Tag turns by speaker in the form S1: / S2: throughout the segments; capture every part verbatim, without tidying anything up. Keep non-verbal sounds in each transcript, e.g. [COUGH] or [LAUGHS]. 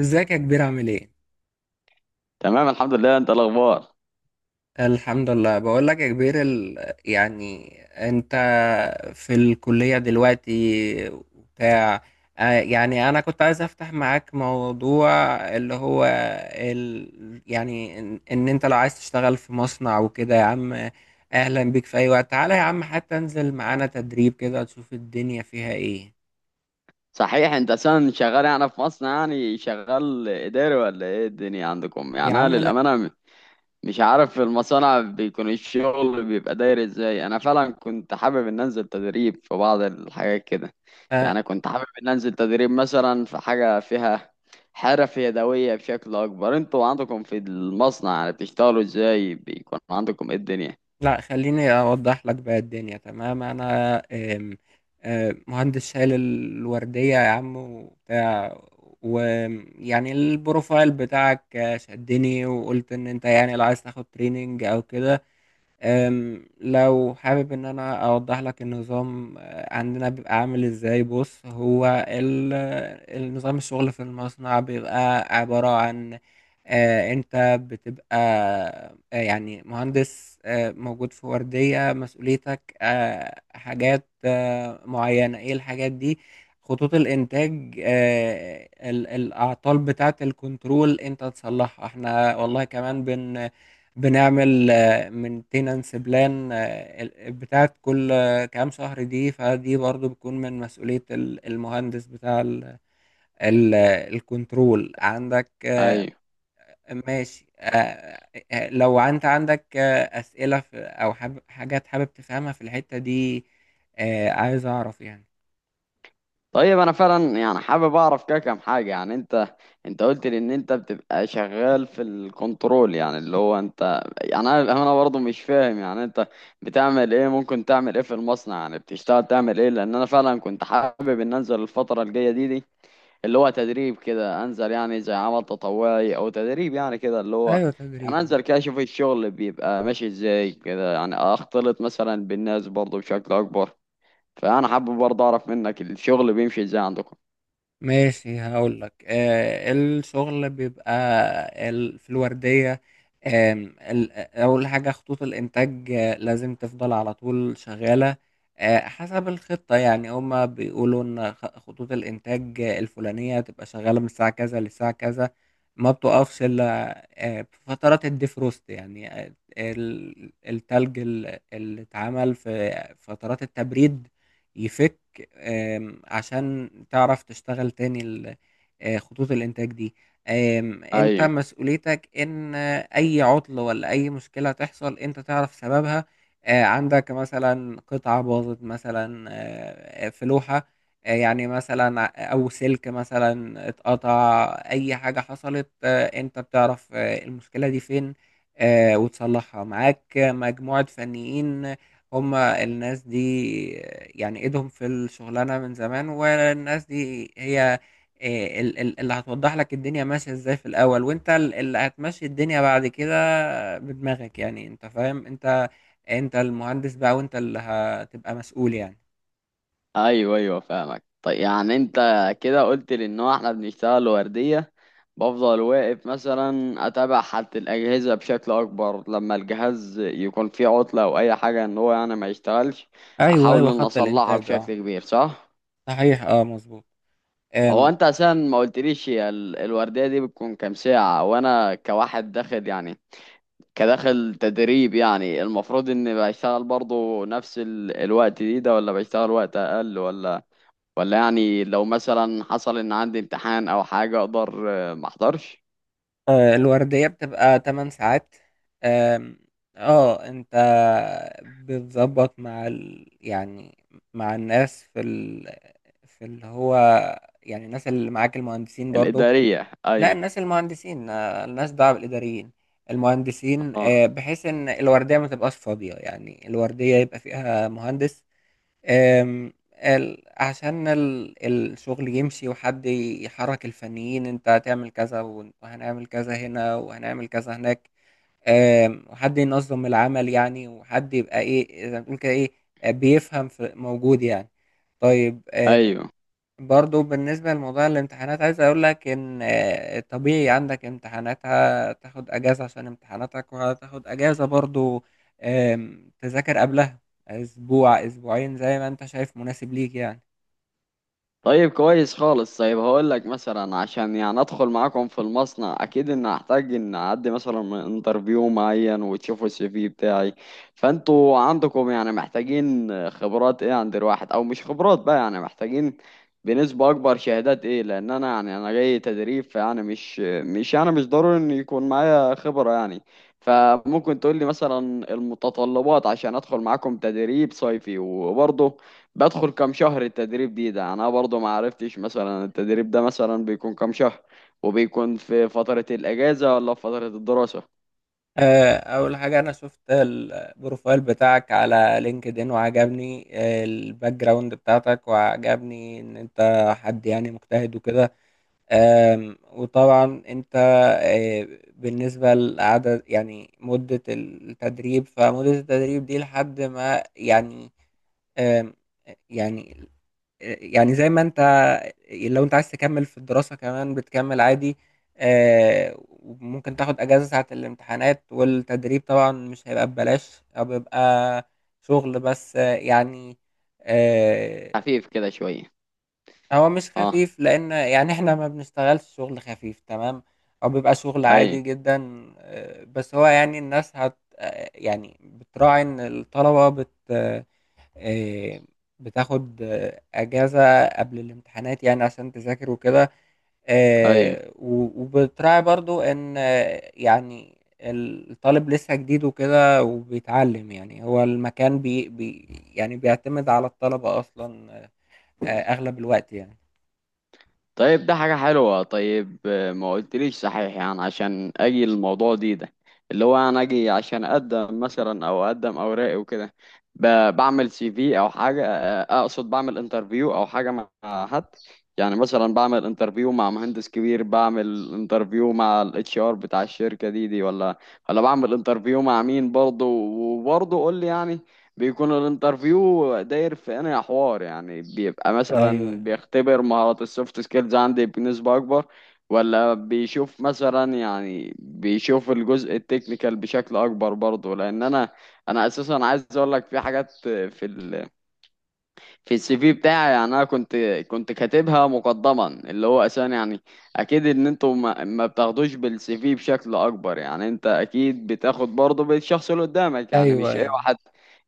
S1: ازيك يا كبير؟ عامل ايه؟
S2: تمام الحمد لله، انت الاخبار؟
S1: الحمد لله. بقول لك يا كبير، ال... يعني انت في الكلية دلوقتي وبتاع؟ آه، يعني انا كنت عايز افتح معاك موضوع، اللي هو ال... يعني ان ان انت لو عايز تشتغل في مصنع وكده يا عم، اهلا بيك في اي وقت. تعالى يا عم حتى انزل معانا تدريب كده تشوف الدنيا فيها ايه.
S2: صحيح انت اصلا شغال يعني في مصر؟ يعني شغال اداري ولا ايه الدنيا عندكم؟ يعني
S1: يا
S2: انا
S1: عم لا،
S2: للامانه م- مش عارف في المصانع بيكون الشغل بيبقى داير ازاي. انا فعلا كنت حابب ان انزل تدريب في بعض الحاجات كده.
S1: آه،
S2: يعني كنت حابب ان انزل تدريب مثلا في حاجه فيها حرف يدويه بشكل اكبر. انتوا عندكم في المصنع يعني بتشتغلوا ازاي؟ بيكون عندكم ايه الدنيا؟
S1: لا خليني أوضح لك بقى الدنيا. تمام أنا آم، آم، مهندس شايل الوردية يا عم وبتاع، ويعني البروفايل بتاعك شدني وقلت إن أنت يعني لو عايز تاخد تريننج أو كده. أم، لو حابب ان انا اوضح لك النظام آه، عندنا بيبقى عامل ازاي، بص هو ال- النظام الشغل في المصنع بيبقى عبارة عن آه، انت بتبقى آه، يعني مهندس آه، موجود في وردية. مسؤوليتك آه، حاجات آه، معينة. ايه الحاجات دي؟ خطوط الانتاج، آه، ال- الاعطال بتاعة الكنترول انت تصلحها، احنا والله كمان بن بنعمل مينتيننس بلان بتاعت كل كام شهر دي، فدي برضو بتكون من مسؤولية ال- المهندس بتاع ال- ال- الكنترول عندك. آه،
S2: ايوه.
S1: ماشي. آه، آه، لو انت عندك آه، أسئلة في- او حاب- حاجات حابب تفهمها في الحتة دي، آه، عايز اعرف يعني.
S2: طيب انا فعلا يعني حابب اعرف كده كام حاجه. يعني انت انت قلت لي ان انت بتبقى شغال في الكنترول، يعني اللي هو انت، يعني انا انا برضه مش فاهم يعني انت بتعمل ايه، ممكن تعمل ايه في المصنع، يعني بتشتغل تعمل ايه. لان انا فعلا كنت حابب ان انزل الفتره الجايه دي دي اللي هو تدريب كده، انزل يعني زي عمل تطوعي او تدريب يعني كده اللي هو،
S1: ايوه تدريب،
S2: يعني
S1: آه.
S2: انزل كده اشوف الشغل بيبقى ماشي ازاي كده، يعني اختلط مثلا بالناس برضه بشكل اكبر. فانا حابب برضه اعرف منك الشغل بيمشي ازاي عندكم.
S1: ماشي هقول لك، آه الشغل بيبقى ال- في الوردية، آم، ال- أول حاجة خطوط الإنتاج آه، لازم تفضل على طول شغالة، آه حسب الخطة. يعني هما بيقولوا إن خ- خطوط الإنتاج آه، الفلانية تبقى شغالة من الساعة كذا للساعة كذا، ما بتقفش إلا آه، في فترات الديفروست. يعني آه، ال- التلج ال- اللي اتعمل في فترات التبريد يفك، آم، عشان تعرف تشتغل تاني ال- آه، خطوط الإنتاج دي. آم، أنت
S2: ايوه.
S1: مسؤوليتك إن آه، أي عطل ولا أي مشكلة تحصل أنت تعرف سببها. آه، عندك مثلا قطعة باظت مثلا، آه، في لوحة، آه، يعني مثلا ع- أو سلك مثلا اتقطع، أي حاجة حصلت آه، أنت بتعرف آه، المشكلة دي فين آه، وتصلحها. معاك مجموعة فنيين، هم الناس دي يعني ايدهم في الشغلانة من زمان، والناس دي هي إيه، ال- ال- اللي هتوضح لك الدنيا ماشية ازاي في الاول، وانت ال- اللي هتمشي الدنيا بعد كده بدماغك. يعني انت فاهم، انت انت المهندس بقى، وانت اللي هتبقى مسؤول يعني.
S2: ايوه، ايوه فاهمك. طيب يعني انت كده قلت لي ان هو احنا بنشتغل ورديه، بفضل واقف مثلا اتابع حالة الاجهزه بشكل اكبر، لما الجهاز يكون فيه عطله او اي حاجه ان هو يعني ما يشتغلش
S1: ايوه
S2: احاول
S1: ايوه،
S2: ان
S1: خط
S2: اصلحها
S1: الانتاج
S2: بشكل
S1: اه.
S2: كبير، صح؟
S1: صحيح اه، مظبوط.
S2: هو
S1: أم،
S2: انت عشان ما قلتليش، هي ال- الورديه دي بتكون كام ساعه، وانا كواحد داخل يعني كداخل تدريب، يعني المفروض اني بشتغل برضه نفس ال- الوقت دي ده ولا بشتغل وقت اقل، ولا ولا يعني لو مثلا حصل ان عندي امتحان او حاجة اقدر آه، ما احضرش.
S1: آه، الوردية بتبقى تمن ساعات. آم، اه انت بتظبط مع ال... يعني مع الناس في ال... في اللي هو يعني الناس اللي معاك المهندسين برضو.
S2: الإدارية،
S1: لا
S2: ايوه.
S1: الناس المهندسين آه، الناس بقى الإداريين المهندسين،
S2: اه،
S1: آه، بحيث ان الوردية ما تبقاش فاضية. يعني الوردية يبقى فيها مهندس آم، ال- عشان ال- الشغل يمشي، وحد يحرك الفنيين، انت هتعمل كذا وان- وهنعمل كذا هنا وهنعمل كذا هناك، آم، وحد ينظم العمل. يعني وحد يبقى ايه زي ما بتقول كده، ايه، آه، بيفهم في موجود يعني. طيب،
S2: ايوه.
S1: برضو بالنسبة لموضوع الامتحانات عايز أقول لك إن آه، طبيعي عندك امتحانات هتاخد أجازة عشان امتحاناتك، وهتاخد أجازة برضو آم، تذاكر قبلها أسبوع أسبوعين زي ما أنت شايف مناسب ليك يعني.
S2: طيب كويس خالص. طيب هقول لك مثلا، عشان يعني ادخل معاكم في المصنع اكيد ان هحتاج ان اعدي مثلا انترفيو معين وتشوفوا السي في بتاعي. فانتوا عندكم يعني محتاجين خبرات ايه عند الواحد، او مش خبرات بقى، يعني محتاجين بنسبة اكبر شهادات ايه؟ لان انا يعني انا جاي تدريب، فيعني مش مش يعني مش ضروري ان يكون معايا خبرة يعني. فممكن تقول لي مثلا المتطلبات عشان ادخل معاكم تدريب صيفي. وبرضه بدخل كام شهر التدريب دي ده؟ انا برضو ما عرفتش مثلا التدريب ده مثلا بيكون كام شهر، وبيكون في فترة الاجازة ولا في فترة الدراسة.
S1: آه، أول حاجة أنا شفت البروفايل بتاعك على لينكد إن وعجبني آه، الباك جراوند بتاعتك، وعجبني إن أنت حد يعني مجتهد وكده. آم، وطبعا انت آه، بالنسبة لعدد يعني مدة التدريب، فمدة التدريب دي لحد ما يعني آم، يعني يعني زي ما انت، لو انت عايز تكمل في الدراسة كمان بتكمل عادي. آه، وممكن تاخد اجازة ساعة الامتحانات. والتدريب طبعا مش هيبقى ببلاش، او بيبقى شغل بس آه، يعني آه،
S2: خفيف كده شوية.
S1: هو مش
S2: اه.
S1: خفيف، لان يعني احنا ما بنشتغلش شغل خفيف تمام، او بيبقى شغل
S2: اي.
S1: عادي جدا. آه، بس هو يعني الناس هت آه، يعني بتراعي ان الطلبة بت آه، آه، بتاخد آه، اجازة قبل الامتحانات يعني عشان تذاكر وكده،
S2: اي.
S1: آه، و- وبتراعي برضو ان آه، يعني الطالب لسه جديد وكده وبيتعلم. يعني هو المكان بي بي يعني بيعتمد على الطلبة اصلا آه، اغلب الوقت يعني.
S2: طيب ده حاجة حلوة. طيب آه، ما قلتليش صحيح، يعني عشان اجي الموضوع دي ده اللي هو انا اجي عشان اقدم مثلا او اقدم اوراقي وكده، ب- بعمل سي في او حاجة، آه، اقصد بعمل انترفيو او حاجة مع حد. يعني مثلا بعمل انترفيو مع مهندس كبير، بعمل انترفيو مع الاتش ار بتاع الشركة دي دي ولا ولا بعمل انترفيو مع مين برضه؟ وبرضه قول لي يعني بيكون الانترفيو داير في انا حوار، يعني بيبقى
S1: أيوه،
S2: مثلا
S1: أيوه.
S2: بيختبر مهارات السوفت سكيلز عندي بنسبة اكبر، ولا بيشوف مثلا، يعني بيشوف الجزء التكنيكال بشكل اكبر برضه. لان انا انا اساسا عايز اقول لك في حاجات في في السي في بتاعي. يعني انا كنت كنت كاتبها مقدما اللي هو اساسا يعني اكيد ان انتوا ما, ما بتاخدوش بالسي في بشكل اكبر، يعني انت اكيد بتاخد برضه بالشخص اللي قدامك، يعني
S1: أيوه،
S2: مش اي
S1: أيوه.
S2: واحد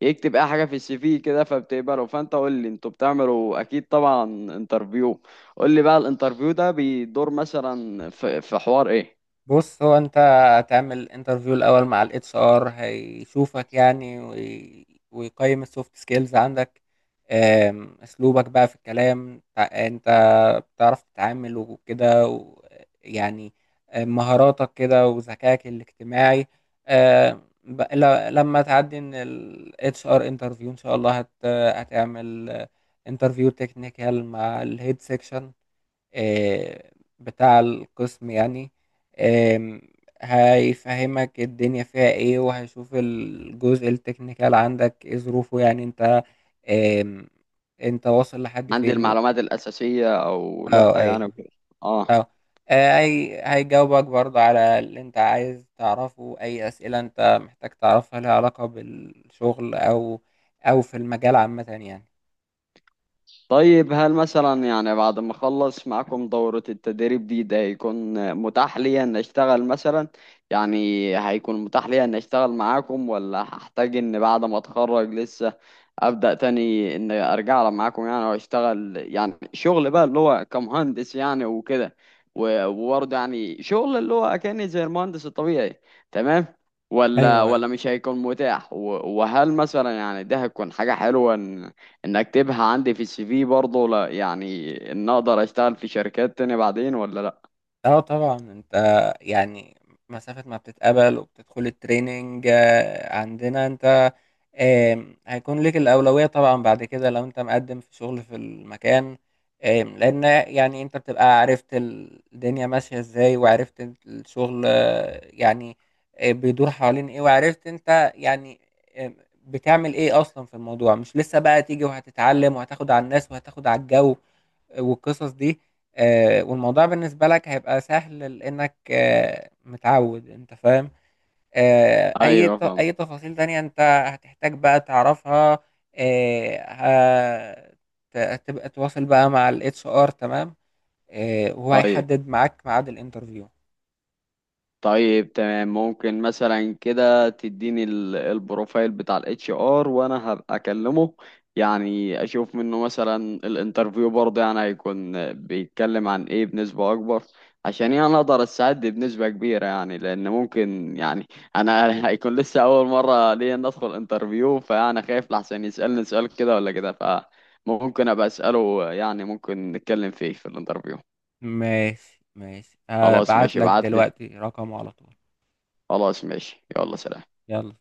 S2: يكتب اي حاجه في السي في كده فبتقبله. فانت قول لي انتوا بتعملوا اكيد طبعا انترفيو، قول لي بقى الانترفيو ده بيدور مثلا في, في حوار ايه؟
S1: بُص، هو أنت هتعمل interview الأول مع إتش آر، هيشوفك يعني وي ويقيّم الsoft skills عندك، آمم، أسلوبك بقى في الكلام، ت أنت بتعرف تتعامل وكده، ويعني آآ، مهاراتك كده وذكائك الاجتماعي. آآ، ب ل لمّا تعدّي من H R interview إن شاء الله هت هتعمل interview technical مع الhead section. آه، بتاع القسم يعني، آم، هيفهمك الدنيا فيها ايه، وهيشوف الجزء التكنيكال عندك ايه ظروفه. يعني انت آم، انت واصل لحد
S2: عندي
S1: فين و...
S2: المعلومات الاساسيه او لا
S1: اه
S2: يعني
S1: ايوه،
S2: وكده. آه.
S1: اه. آه، هي هيجاوبك برضه على اللي انت عايز تعرفه، اي اسئلة انت محتاج تعرفها لها علاقة بالشغل، او او في المجال عامة يعني.
S2: طيب هل مثلا يعني بعد ما اخلص معاكم دورة التدريب دي ده هيكون متاح ليا ان اشتغل مثلا، يعني هيكون متاح ليا ان اشتغل معاكم، ولا هحتاج ان بعد ما اتخرج لسه ابدأ تاني ان ارجع معاكم يعني واشتغل يعني شغل بقى اللي هو كمهندس يعني وكده، و- وبرضه يعني شغل اللي هو اكاني زي المهندس الطبيعي تمام، ولا
S1: ايوه
S2: ولا مش هيكون متاح؟ و- وهل مثلا يعني ده هتكون حاجة حلوة ان اكتبها عندي في السي في برضه، لا يعني ان اقدر اشتغل في شركات تاني بعدين ولا لا؟
S1: اه، طبعا انت يعني مسافة ما بتتقبل وبتدخل التريننج آه، عندنا انت آم، هيكون لك الأولوية طبعا بعد كده لو انت مقدم في شغل في المكان. آم، لأن يعني انت بتبقى عرفت الدنيا ماشية ازاي، وعرفت الشغل آه، يعني آه، بيدور حوالين ايه، وعرفت انت يعني آم، بتعمل ايه اصلا في الموضوع. مش لسه بقى تيجي وهتتعلم وهتاخد على الناس وهتاخد على الجو والقصص دي. آه، والموضوع بالنسبة لك هيبقى سهل لأنك آه، متعود، أنت فاهم. آه، أي
S2: ايوه،
S1: ت-
S2: فاهم.
S1: أي تفاصيل تانية أنت هتحتاج بقى تعرفها، آه، هت- هتبقى تواصل بقى مع ال إتش آر، تمام. آه، وهو
S2: طيب.
S1: هيحدد معاك ميعاد الانترفيو.
S2: طيب تمام، ممكن مثلا كده تديني ال- البروفايل بتاع الاتش ار وانا هبقى اكلمه، يعني اشوف منه مثلا الانترفيو برضه يعني هيكون بيتكلم عن ايه بنسبة اكبر، عشان يعني اقدر اساعد بنسبة كبيرة. يعني لان ممكن يعني انا [LAUGHS] هيكون لسه اول مرة ليا إن ادخل انترفيو، فانا خايف لحسن يسألني سؤال كده ولا كده، فممكن ابقى اسأله، يعني ممكن نتكلم فيه في الانترفيو.
S1: ماشي ماشي،
S2: خلاص
S1: هبعت
S2: ماشي،
S1: لك
S2: ابعت لي.
S1: دلوقتي رقمه على طول.
S2: خلاص ماشي، يلا سلام.
S1: يلا.